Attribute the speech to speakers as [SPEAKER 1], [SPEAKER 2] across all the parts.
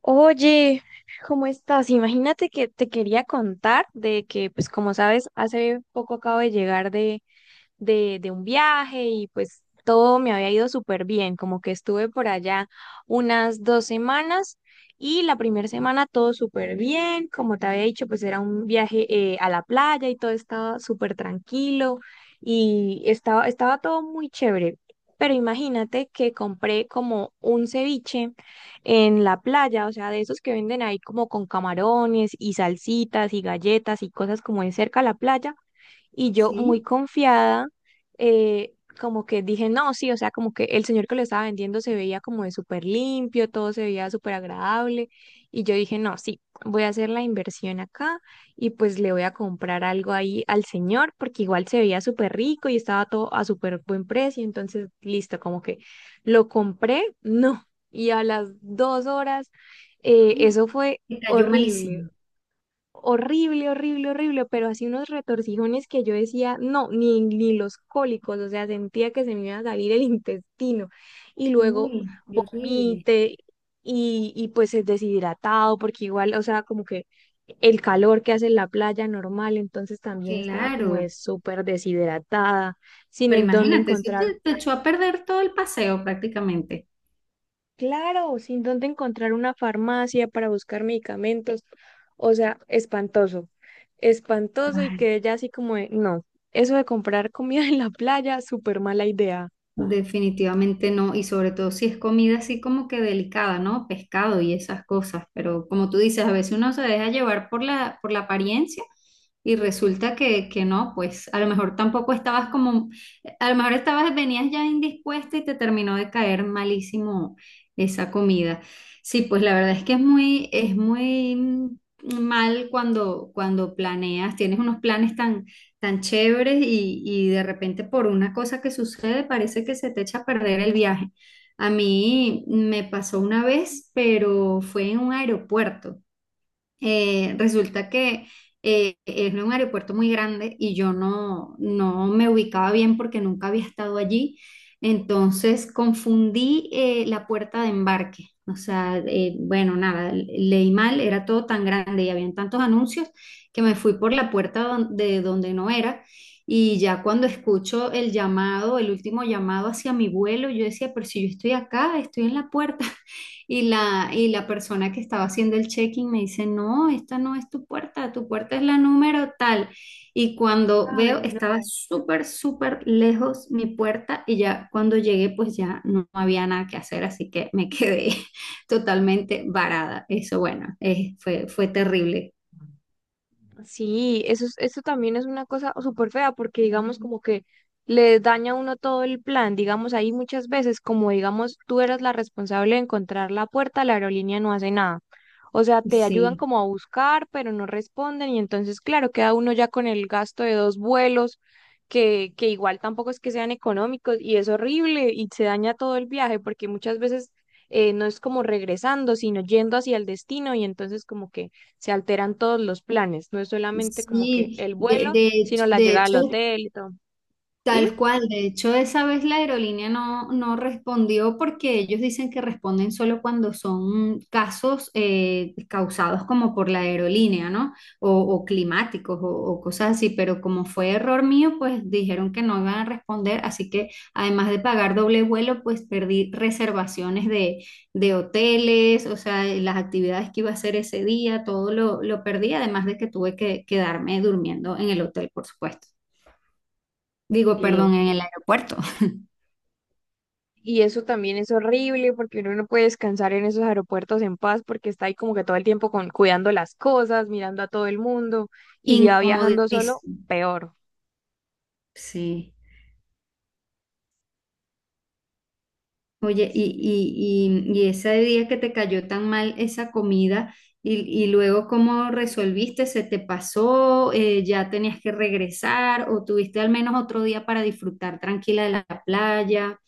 [SPEAKER 1] Oye, ¿cómo estás? Imagínate que te quería contar de que, pues como sabes, hace poco acabo de llegar de un viaje y pues todo me había ido súper bien, como que estuve por allá unas dos semanas y la primera semana todo súper bien, como te había dicho, pues era un viaje a la playa y todo estaba súper tranquilo y estaba todo muy chévere. Pero imagínate que compré como un ceviche en la playa, o sea, de esos que venden ahí como con camarones y salsitas y galletas y cosas como en cerca a la playa. Y yo muy
[SPEAKER 2] Sí,
[SPEAKER 1] confiada, eh, como que dije, no, sí, o sea, como que el señor que lo estaba vendiendo se veía como de súper limpio, todo se veía súper agradable. Y yo dije, no, sí, voy a hacer la inversión acá y pues le voy a comprar algo ahí al señor porque igual se veía súper rico y estaba todo a súper buen precio. Entonces, listo, como que lo compré, no. Y a las dos horas, eso fue
[SPEAKER 2] te cayó
[SPEAKER 1] horrible,
[SPEAKER 2] malísimo.
[SPEAKER 1] horrible, horrible, horrible, pero así unos retorcijones que yo decía, no, ni los cólicos, o sea, sentía que se me iba a salir el intestino y luego
[SPEAKER 2] Uy, qué horrible.
[SPEAKER 1] vomité y pues es deshidratado porque igual, o sea, como que el calor que hace en la playa normal, entonces también estaba como de
[SPEAKER 2] Claro,
[SPEAKER 1] súper deshidratada, sin
[SPEAKER 2] pero
[SPEAKER 1] en dónde
[SPEAKER 2] imagínate, eso
[SPEAKER 1] encontrar.
[SPEAKER 2] te, te echó a perder todo el paseo prácticamente.
[SPEAKER 1] Claro, sin dónde encontrar una farmacia para buscar medicamentos. O sea, espantoso. Espantoso y
[SPEAKER 2] Ay,
[SPEAKER 1] quedé ya así como de, no, eso de comprar comida en la playa, súper mala idea.
[SPEAKER 2] definitivamente no, y sobre todo si es comida así como que delicada, ¿no? Pescado y esas cosas, pero como tú dices, a veces uno se deja llevar por la apariencia y resulta que no, pues a lo mejor tampoco estabas como, a lo mejor estabas, venías ya indispuesta y te terminó de caer malísimo esa comida. Sí, pues la verdad es que es muy, es muy mal cuando planeas, tienes unos planes tan tan chéveres y de repente por una cosa que sucede parece que se te echa a perder el viaje. A mí me pasó una vez, pero fue en un aeropuerto. Resulta que es un aeropuerto muy grande y yo no me ubicaba bien porque nunca había estado allí. Entonces confundí la puerta de embarque. O sea, bueno, nada, leí mal, era todo tan grande y habían tantos anuncios que me fui por la puerta de donde no era. Y ya cuando escucho el llamado, el último llamado hacia mi vuelo, yo decía, pero si yo estoy acá, estoy en la puerta. Y la persona que estaba haciendo el check-in me dice, no, esta no es tu puerta es la número tal. Y cuando
[SPEAKER 1] Ay,
[SPEAKER 2] veo,
[SPEAKER 1] no.
[SPEAKER 2] estaba súper lejos mi puerta y ya cuando llegué, pues ya no había nada que hacer, así que me quedé totalmente varada. Eso, bueno, fue terrible.
[SPEAKER 1] Sí, eso, es- eso también es una cosa súper fea porque digamos como que le daña a uno todo el plan, digamos ahí muchas veces como digamos tú eras la responsable de encontrar la puerta, la aerolínea no hace nada. O sea, te ayudan
[SPEAKER 2] Sí,
[SPEAKER 1] como a buscar, pero no responden y entonces claro, queda uno ya con el gasto de dos vuelos que igual tampoco es que sean económicos y es horrible y se daña todo el viaje porque muchas veces no es como regresando, sino yendo hacia el destino y entonces como que se alteran todos los planes. No es solamente como que
[SPEAKER 2] sí.
[SPEAKER 1] el vuelo, sino la llegada al hotel y todo. Dime.
[SPEAKER 2] Tal cual, de hecho, esa vez la aerolínea no respondió porque ellos dicen que responden solo cuando son casos causados como por la aerolínea, ¿no? O climáticos o cosas así, pero como fue error mío, pues dijeron que no iban a responder, así que además de pagar doble vuelo, pues perdí reservaciones de hoteles, o sea, las actividades que iba a hacer ese día, lo perdí, además de que tuve que quedarme durmiendo en el hotel, por supuesto. Digo,
[SPEAKER 1] Y,
[SPEAKER 2] perdón, en el aeropuerto.
[SPEAKER 1] y eso también es horrible porque uno no puede descansar en esos aeropuertos en paz porque está ahí como que todo el tiempo con, cuidando las cosas, mirando a todo el mundo. Y si va viajando solo,
[SPEAKER 2] Incomodísimo.
[SPEAKER 1] peor.
[SPEAKER 2] Sí. Oye, y ese día que te cayó tan mal esa comida, y, y luego cómo resolviste, ¿se te pasó? ¿Ya tenías que regresar? ¿O tuviste al menos otro día para disfrutar tranquila de la playa?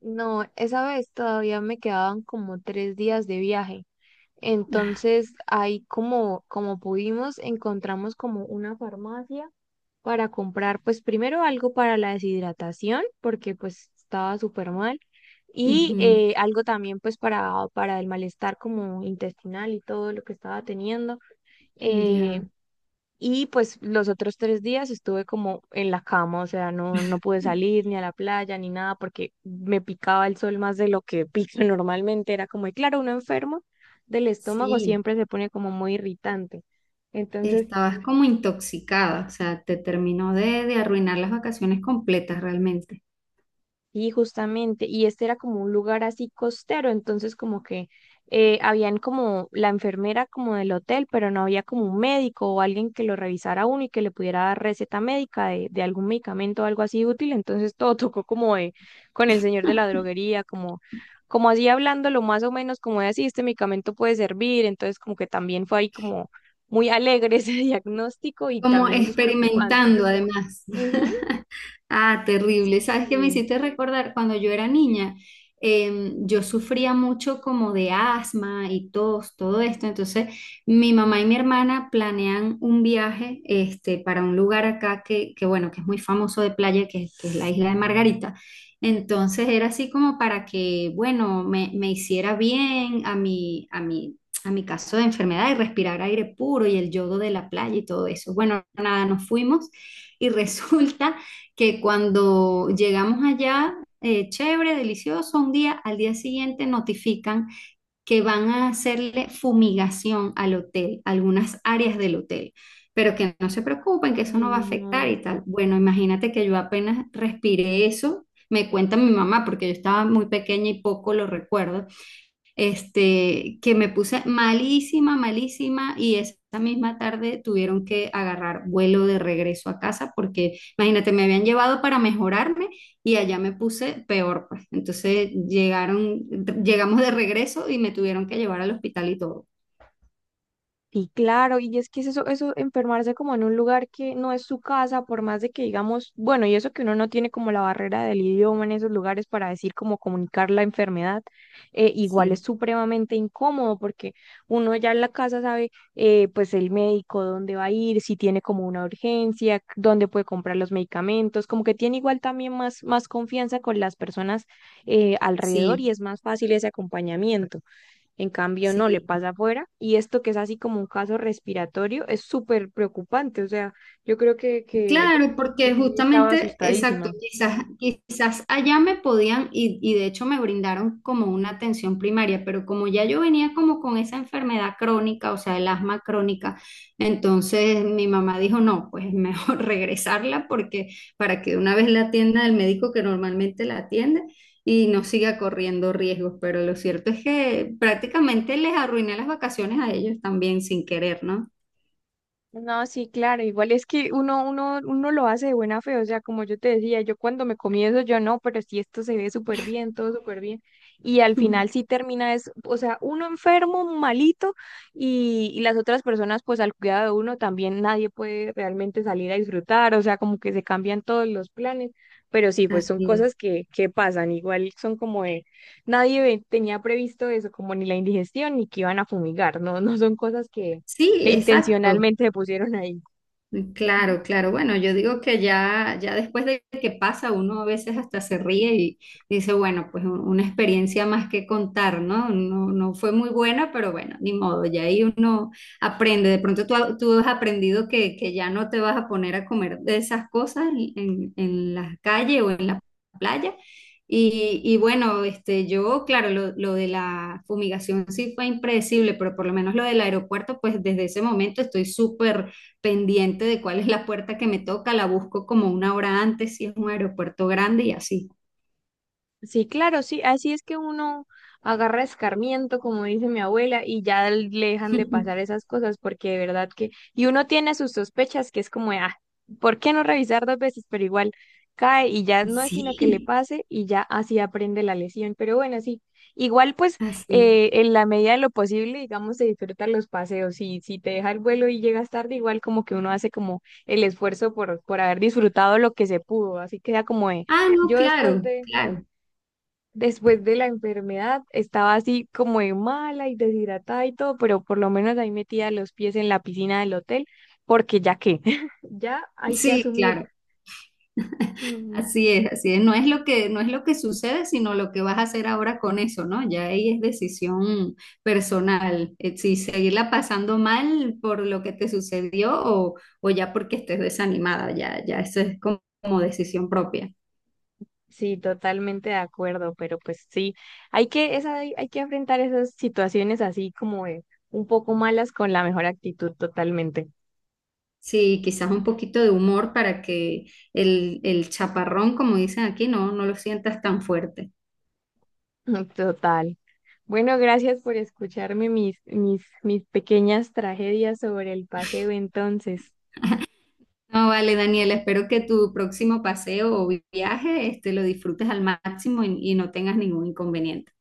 [SPEAKER 1] No, esa vez todavía me quedaban como tres días de viaje. Entonces ahí como, como pudimos, encontramos como una farmacia para comprar, pues primero algo para la deshidratación, porque pues estaba súper mal, y
[SPEAKER 2] Ujú,
[SPEAKER 1] algo también pues para el malestar como intestinal y todo lo que estaba teniendo. Eh,
[SPEAKER 2] ya.
[SPEAKER 1] y pues los otros tres días estuve como en la cama, o sea, no, no pude salir ni a la playa ni nada porque me picaba el sol más de lo que pica normalmente. Era como, y claro, uno enfermo del estómago
[SPEAKER 2] Sí,
[SPEAKER 1] siempre se pone como muy irritante. Entonces,
[SPEAKER 2] estabas como intoxicada, o sea, te terminó de arruinar las vacaciones completas realmente.
[SPEAKER 1] sí, justamente, y este era como un lugar así costero, entonces como que habían como la enfermera como del hotel, pero no había como un médico o alguien que lo revisara a uno y que le pudiera dar receta médica de algún medicamento o algo así útil, entonces todo tocó como de, con el señor de la droguería, como, como así hablándolo más o menos como de así, este medicamento puede servir, entonces como que también fue ahí como muy alegre ese diagnóstico y
[SPEAKER 2] Como
[SPEAKER 1] también eso es preocupante.
[SPEAKER 2] experimentando además.
[SPEAKER 1] Ujú.
[SPEAKER 2] Ah, terrible. ¿Sabes qué me
[SPEAKER 1] Sí.
[SPEAKER 2] hiciste recordar? Cuando yo era niña, yo sufría mucho como de asma y tos, todo esto. Entonces, mi mamá y mi hermana planean un viaje este, para un lugar acá bueno, que es muy famoso de playa, es que es la Isla de Margarita. Entonces, era así como para que, bueno, me hiciera bien a mi caso de enfermedad y respirar aire puro y el yodo de la playa y todo eso. Bueno, nada, nos fuimos y resulta que cuando llegamos allá, chévere, delicioso, un día, al día siguiente notifican que van a hacerle fumigación al hotel, algunas áreas del hotel, pero que no se preocupen, que eso
[SPEAKER 1] Ay,
[SPEAKER 2] no va a afectar
[SPEAKER 1] no.
[SPEAKER 2] y tal. Bueno, imagínate que yo apenas respiré eso. Me cuenta mi mamá, porque yo estaba muy pequeña y poco lo recuerdo, este, que me puse malísima, malísima y esa misma tarde tuvieron que agarrar vuelo de regreso a casa porque, imagínate, me habían llevado para mejorarme y allá me puse peor, pues. Llegamos de regreso y me tuvieron que llevar al hospital y todo.
[SPEAKER 1] Sí, claro, y es que es eso, eso enfermarse como en un lugar que no es su casa, por más de que digamos, bueno, y eso que uno no tiene como la barrera del idioma en esos lugares para decir como comunicar la enfermedad, igual es
[SPEAKER 2] Sí,
[SPEAKER 1] supremamente incómodo porque uno ya en la casa sabe, pues el médico dónde va a ir, si tiene como una urgencia, c- dónde puede comprar los medicamentos, como que tiene igual también más, más confianza con las personas alrededor y
[SPEAKER 2] sí,
[SPEAKER 1] es más fácil ese acompañamiento. En cambio, no le
[SPEAKER 2] sí.
[SPEAKER 1] pasa afuera. Y esto que es así como un caso respiratorio es súper preocupante. O sea, yo creo
[SPEAKER 2] Claro,
[SPEAKER 1] que
[SPEAKER 2] porque
[SPEAKER 1] Moni estaba
[SPEAKER 2] justamente, exacto,
[SPEAKER 1] asustadísima.
[SPEAKER 2] quizás, quizás allá me podían y de hecho me brindaron como una atención primaria, pero como ya yo venía como con esa enfermedad crónica, o sea, el asma crónica, entonces mi mamá dijo, no, pues es mejor regresarla porque para que una vez la atienda el médico que normalmente la atiende y no siga corriendo riesgos, pero lo cierto es que prácticamente les arruiné las vacaciones a ellos también sin querer, ¿no?
[SPEAKER 1] No, sí, claro, igual es que uno lo hace de buena fe, o sea, como yo te decía, yo cuando me comí eso, yo no, pero si esto se ve súper bien, todo súper bien, y al final sí termina es, o sea, uno enfermo, malito, y las otras personas, pues al cuidado de uno también nadie puede realmente salir a disfrutar, o sea, como que se cambian todos los planes, pero sí, pues son
[SPEAKER 2] Así es.
[SPEAKER 1] cosas que pasan, igual son como de, nadie ve- tenía previsto eso, como ni la indigestión, ni que iban a fumigar, no, no son cosas que
[SPEAKER 2] Sí,
[SPEAKER 1] que
[SPEAKER 2] exacto.
[SPEAKER 1] intencionalmente se pusieron ahí. Ujú.
[SPEAKER 2] Claro, claro. Bueno, yo digo que ya después de que pasa, uno a veces hasta se ríe y dice, bueno, pues una experiencia más que contar, ¿no? No, no fue muy buena, pero bueno, ni modo, ya ahí uno aprende. De pronto tú has aprendido que ya no te vas a poner a comer de esas cosas en la calle o en la playa. Y bueno, este, yo, claro, lo de la fumigación sí fue impredecible, pero por lo menos lo del aeropuerto, pues desde ese momento estoy súper pendiente de cuál es la puerta que me toca, la busco como una hora antes si es un aeropuerto grande y así.
[SPEAKER 1] Sí, claro, sí, así es que uno agarra escarmiento, como dice mi abuela, y ya le dejan de pasar esas cosas, porque de verdad que, y uno tiene sus sospechas, que es como, de, ah, ¿por qué no revisar dos veces? Pero igual cae y ya no es sino que le
[SPEAKER 2] Sí,
[SPEAKER 1] pase y ya así aprende la lesión. Pero bueno, sí, igual pues
[SPEAKER 2] así.
[SPEAKER 1] en la medida de lo posible, digamos, se disfrutan los paseos. Y si te deja el vuelo y llegas tarde, igual como que uno hace como el esfuerzo por haber disfrutado lo que se pudo, así queda como de...
[SPEAKER 2] Ah, no,
[SPEAKER 1] Yo
[SPEAKER 2] claro, claro.
[SPEAKER 1] después de la enfermedad estaba así como de mala y deshidratada y todo, pero por lo menos ahí metía los pies en la piscina del hotel, porque ya que, ya hay que
[SPEAKER 2] Sí,
[SPEAKER 1] asumir.
[SPEAKER 2] claro.
[SPEAKER 1] Mm,
[SPEAKER 2] Así es, así es. No es lo no es lo que sucede, sino lo que vas a hacer ahora con eso, ¿no? Ya ahí es decisión personal. Si seguirla pasando mal por lo que te sucedió o ya porque estés desanimada, ya eso es como, como decisión propia.
[SPEAKER 1] sí, totalmente de acuerdo, pero pues sí, hay que, esa, hay que enfrentar esas situaciones así como de un poco malas con la mejor actitud, totalmente.
[SPEAKER 2] Sí, quizás un poquito de humor para que el chaparrón, como dicen aquí, no, no lo sientas tan fuerte.
[SPEAKER 1] Total. Bueno, gracias por escucharme mis pequeñas tragedias sobre el paseo entonces.
[SPEAKER 2] No, vale, Daniela, espero que tu próximo paseo o viaje, este, lo disfrutes al máximo y no tengas ningún inconveniente.